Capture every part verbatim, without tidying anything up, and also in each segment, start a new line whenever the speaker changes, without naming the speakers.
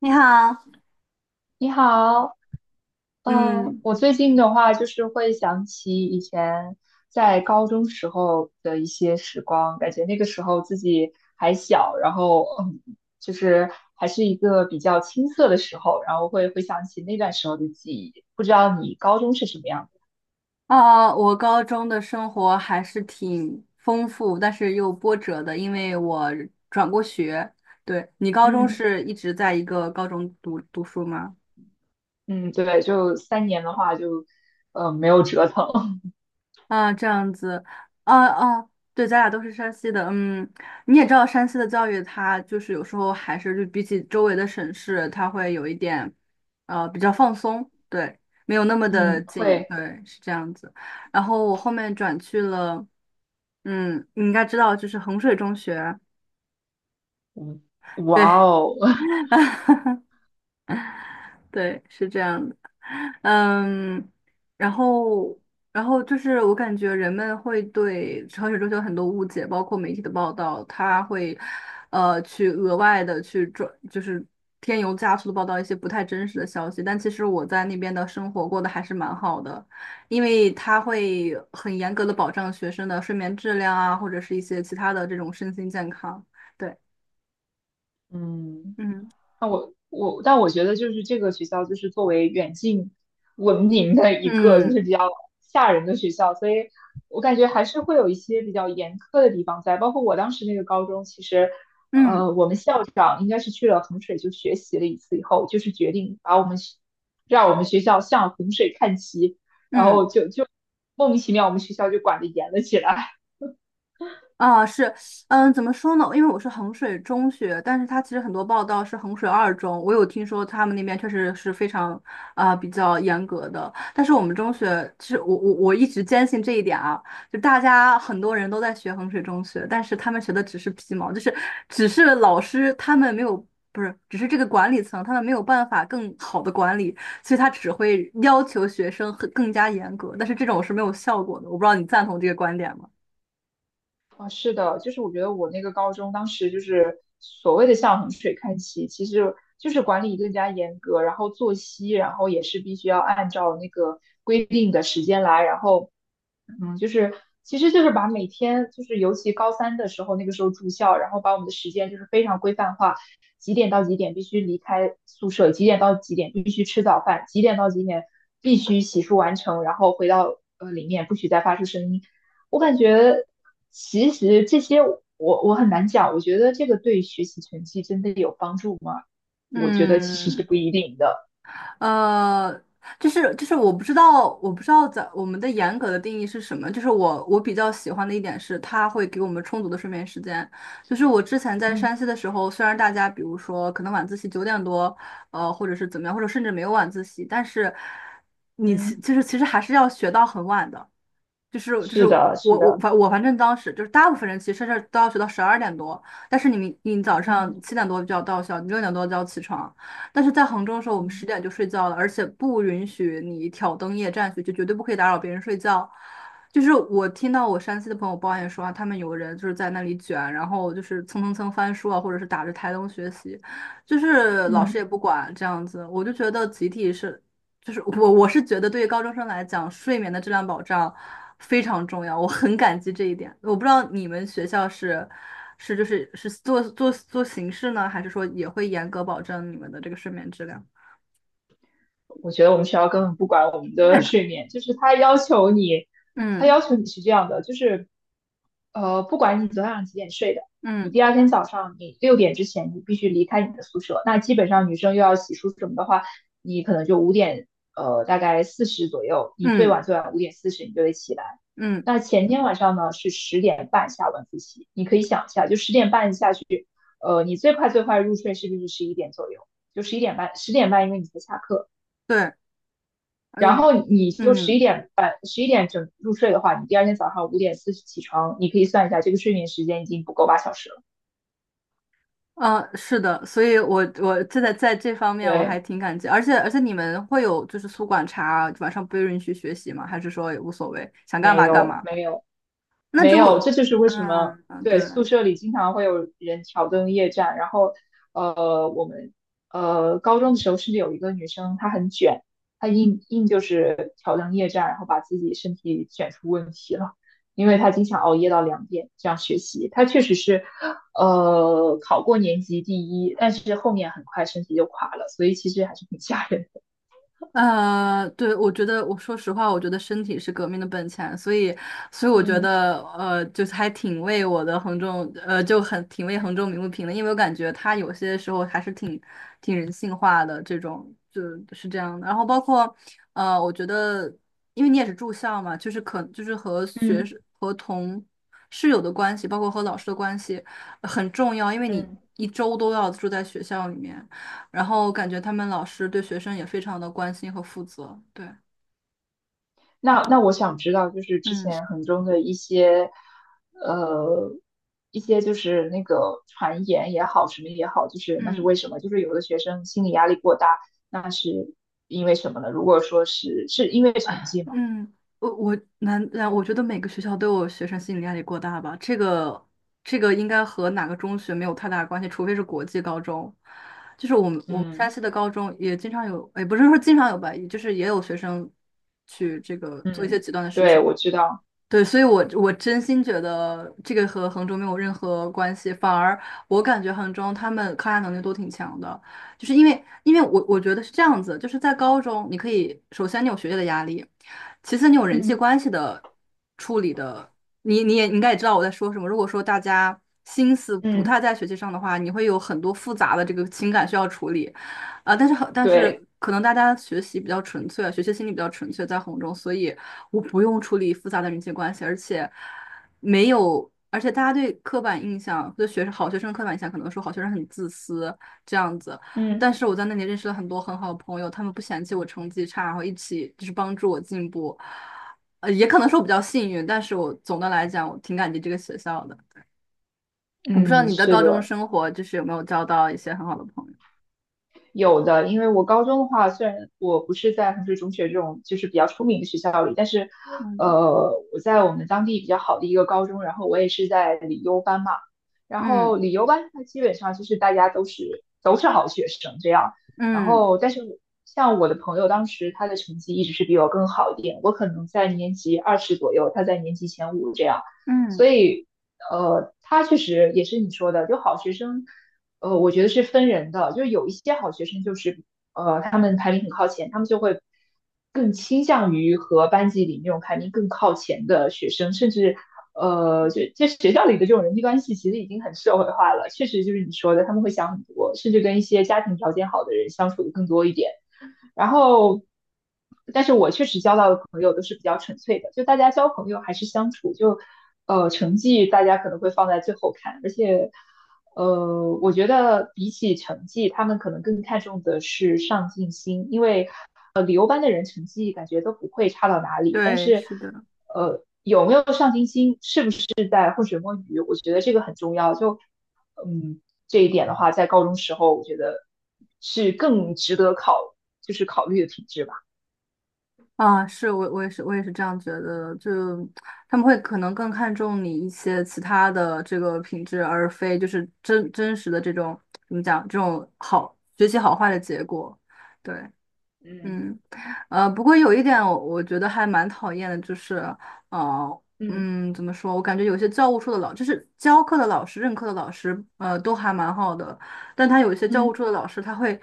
你好，
你好，呃，
嗯，
我最近的话就是会想起以前在高中时候的一些时光，感觉那个时候自己还小，然后嗯，就是还是一个比较青涩的时候，然后会回想起那段时候的记忆。不知道你高中是什么样的？
呃，我高中的生活还是挺丰富，但是又波折的，因为我转过学。对，你高中
嗯，
是一直在一个高中读读书吗？
嗯，对，就三年的话就，呃，没有折腾。
啊，这样子，啊啊，对，咱俩都是山西的，嗯，你也知道山西的教育，它就是有时候还是就比起周围的省市，它会有一点，呃，比较放松，对，没有那么的
嗯，
紧，
会，
对，是这样子。然后我后面转去了。嗯，你应该知道，就是衡水中学，
嗯，
对，
哇哦，
对，是这样的，嗯，然后然后就是我感觉人们会对衡水中学有很多误解，包括媒体的报道，他会呃去额外的去转，就是添油加醋的报道一些不太真实的消息，但其实我在那边的生活过得还是蛮好的，因为他会很严格的保障学生的睡眠质量啊，或者是一些其他的这种身心健康，对，
嗯。
嗯。
那我我，但我觉得就是这个学校就是作为远近闻名的一个就是比
嗯
较吓人的学校，所以我感觉还是会有一些比较严苛的地方在。包括我当时那个高中，其实
嗯
呃，我们校长应该是去了衡水就学习了一次以后，就是决定把我们学让我们学校向衡水看齐，然
嗯，
后就就莫名其妙我们学校就管得严了起来。
啊，是，嗯，怎么说呢？因为我是衡水中学，但是它其实很多报道是衡水二中，我有听说他们那边确实是非常啊、比较严格的，但是我们中学，其实我我我一直坚信这一点啊，就大家很多人都在学衡水中学，但是他们学的只是皮毛，就是只是老师他们没有，不是，只是这个管理层他们没有办法更好的管理，所以他只会要求学生更更加严格，但是这种是没有效果的，我不知道你赞同这个观点吗？
啊，是的，就是我觉得我那个高中当时就是所谓的向衡水看齐，其实就是管理更加严格，然后作息，然后也是必须要按照那个规定的时间来，然后嗯，就是其实就是把每天就是尤其高三的时候，那个时候住校，然后把我们的时间就是非常规范化，几点到几点必须离开宿舍，几点到几点必须吃早饭，几点到几点必须洗漱完成，然后回到呃里面不许再发出声音。我感觉其实这些我我很难讲，我觉得这个对学习成绩真的有帮助吗？我觉得其实是
嗯，
不一定的。
呃，就是就是我不知道，我不知道在我们的严格的定义是什么。就是我我比较喜欢的一点是，它会给我们充足的睡眠时间。就是我之前在
嗯，
山西的时候，虽然大家比如说可能晚自习九点多，呃，或者是怎么样，或者甚至没有晚自习，但是你其
嗯，
就是其实还是要学到很晚的。就是就是
是
我
的，是
我
的，
反我反正当时就是大部分人其实是都要学到十二点多，但是你明你早上
嗯，
七点多就要到校，你六点多就要起床。但是在杭州的时候，我们十
嗯，
点就睡觉了，而且不允许你挑灯夜战去，就绝对不可以打扰别人睡觉。就是我听到我山西的朋友抱怨说啊他们有人就是在那里卷，然后就是蹭蹭蹭翻书啊，或者是打着台灯学习，就是老师也
嗯。
不管这样子，我就觉得集体是就是我我是觉得对于高中生来讲，睡眠的质量保障非常重要，我很感激这一点。我不知道你们学校是是就是是做做做形式呢，还是说也会严格保证你们的这个睡眠质量？
我觉得我们学校根本不管我们的睡眠，就是他要求你，他要
嗯
求你是这样的，就是呃，不管你昨天晚上几点睡的，你
嗯
第二天早上你六点之前你必须离开你的宿舍。那基本上女生又要洗漱什么的话，你可能就五点呃大概四十左右，你最
嗯
晚最晚五点四十你就得起来。
嗯，
那前天晚上呢是十点半下晚自习，你可以想一下，就十点半下去，呃，你最快最快入睡是不是十一点左右？就十一点半，十点半因为你才下课。
对，
然
嗯
后你就十一
嗯，
点半、十一点整入睡的话，你第二天早上五点四十起床，你可以算一下，这个睡眠时间已经不够八小时了。
呃，是的，所以我我这在在这方面我还
对，
挺感激，而且而且你们会有就是宿管查，晚上不允许学习吗？还是说也无所谓，想干
没
嘛干
有
嘛？
没有，
那
没
如果
有，这就是为什么。
嗯嗯
对，
对。
宿舍里经常会有人挑灯夜战。然后，呃，我们呃高中的时候甚至有一个女生，她很卷，她硬硬就是挑灯夜战，然后把自己身体卷出问题了，因为她经常熬夜到两点这样学习。她确实是呃考过年级第一，但是后面很快身体就垮了，所以其实还是挺吓人的。
呃，对，我觉得，我说实话，我觉得身体是革命的本钱，所以，所以我觉
嗯，
得，呃，就是还挺为我的衡中，呃，就很挺为衡中鸣不平的，因为我感觉他有些时候还是挺挺人性化的，这种就是这样的。然后包括，呃，我觉得，因为你也是住校嘛，就是可就是和学
嗯，
生和同室友的关系，包括和老师的关系呃很重要，因为你
嗯。
一周都要住在学校里面。然后感觉他们老师对学生也非常的关心和负责。对，
那那我想知道，就是之
嗯
前衡中的一些，呃，一些就是那个传言也好，什么也好，就是那是
嗯
为什么？就是有的学生心理压力过大，那是因为什么呢？如果说是是因为成
啊
绩吗？
嗯，我我难，啊我觉得每个学校都有学生心理压力过大吧，这个这个应该和哪个中学没有太大关系，除非是国际高中。就是我们我们山
嗯，
西的高中也经常有，也不是说经常有吧，也就是也有学生去这个做一些
嗯，
极端的事
对，
情。
我知道，
对，所以我，我真心觉得这个和衡中没有任何关系，反而我感觉衡中他们抗压能力都挺强的，就是因为，因为我我觉得是这样子，就是在高中，你可以首先你有学业的压力，其次你有人际
嗯，
关系的处理的，你你也你应该也知道我在说什么。如果说大家心思不
嗯，
太在学习上的话，你会有很多复杂的这个情感需要处理，啊，但是很，但是
对，
可能大家学习比较纯粹，学习心理比较纯粹，在红中，所以我不用处理复杂的人际关系，而且没有，而且大家对刻板印象，对学生好学生的刻板印象，可能说好学生很自私这样子。
嗯，
但是我在那里认识了很多很好的朋友，他们不嫌弃我成绩差，然后一起就是帮助我进步。呃，也可能说我比较幸运，但是我总的来讲，我挺感激这个学校的。我不知道
嗯，
你的
是
高中
的。
生活就是有没有交到一些很好的朋友？
有的，因为我高中的话，虽然我不是在衡水中学这种就是比较出名的学校里，但是，
嗯
呃，我在我们当地比较好的一个高中，然后我也是在理优班嘛，然
嗯
后理优班它基本上就是大家都是都是好学生这样，然
嗯。
后但是像我的朋友当时他的成绩一直是比我更好一点，我可能在年级二十左右，他在年级前五这样，所
嗯，
以，呃，他确实也是你说的，就好学生。呃，我觉得是分人的，就是有一些好学生就是，呃，他们排名很靠前，他们就会更倾向于和班级里那种排名更靠前的学生，甚至，呃，就就学校里的这种人际关系其实已经很社会化了，确实就是你说的，他们会想很多，甚至跟一些家庭条件好的人相处的更多一点。然后，但是我确实交到的朋友都是比较纯粹的，就大家交朋友还是相处，就呃成绩大家可能会放在最后看，而且呃我觉得比起成绩，他们可能更看重的是上进心，因为呃旅游班的人成绩感觉都不会差到哪里，但
对，
是
是的，
呃有没有上进心，是不是？是在浑水摸鱼，我觉得这个很重要。就嗯，这一点的话，在高中时候，我觉得是更值得考，就是考虑的品质吧。
啊，是我我也是我也是这样觉得的，就他们会可能更看重你一些其他的这个品质，而非就是真真实的这种怎么讲这种好学习好坏的结果，对。
嗯，
嗯，呃，不过有一点我，我觉得还蛮讨厌的，就是，呃，
嗯，
嗯，怎么说？我感觉有些教务处的老，就是教课的老师、任课的老师，呃，都还蛮好的，但他有一些教务
嗯，
处的老师，他会，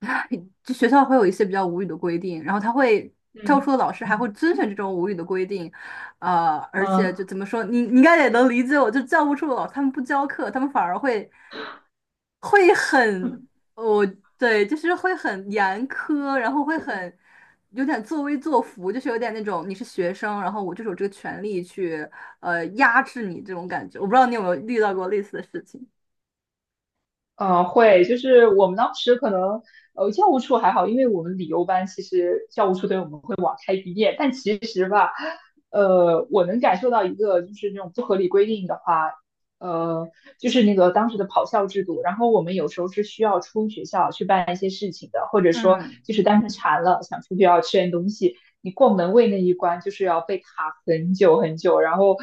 就学校会有一些比较无语的规定，然后他会，教务
嗯，
处的老师还会遵循这种无语的规定，呃，而且
嗯。
就怎么说，你你应该也能理解我，就教务处的老师他们不教课，他们反而会。会很哦，对，就是会很严苛，然后会很有点作威作福，就是有点那种你是学生，然后我就是有这个权利去呃压制你这种感觉。我不知道你有没有遇到过类似的事情。
呃，会，就是我们当时可能，呃，教务处还好，因为我们理由班其实教务处对我们会网开一面，但其实吧，呃，我能感受到一个就是那种不合理规定的话，呃，就是那个当时的跑校制度，然后我们有时候是需要出学校去办一些事情的，或者说
嗯，
就是单纯馋了想出去要吃点东西，你过门卫那一关就是要被卡很久很久，然后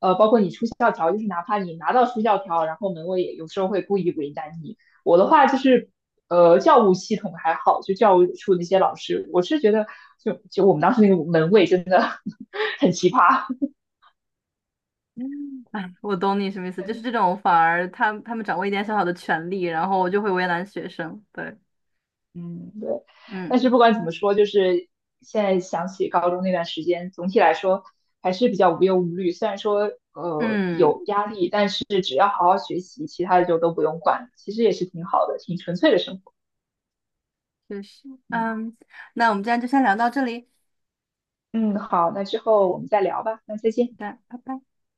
呃，包括你出校条，就是哪怕你拿到出校条，然后门卫也有时候会故意为难你。我的话就是。呃，教务系统还好，就教务处那些老师，我是觉得就就我们当时那个门卫真的 很奇葩。
我懂你什么意思，就是这种反而他他们掌握一点小小的权利，然后就会为难学生。对，
嗯，对。
嗯
但是不管怎么说，就是现在想起高中那段时间，总体来说还是比较无忧无虑。虽然说呃
嗯，
有压力，但是只要好好学习，其他的就都不用管了，其实也是挺好的，挺纯粹的生活。
确实，
嗯，
嗯，那我们今天就先聊到这里，
嗯，好，那之后我们再聊吧。那再见。
好的，拜拜。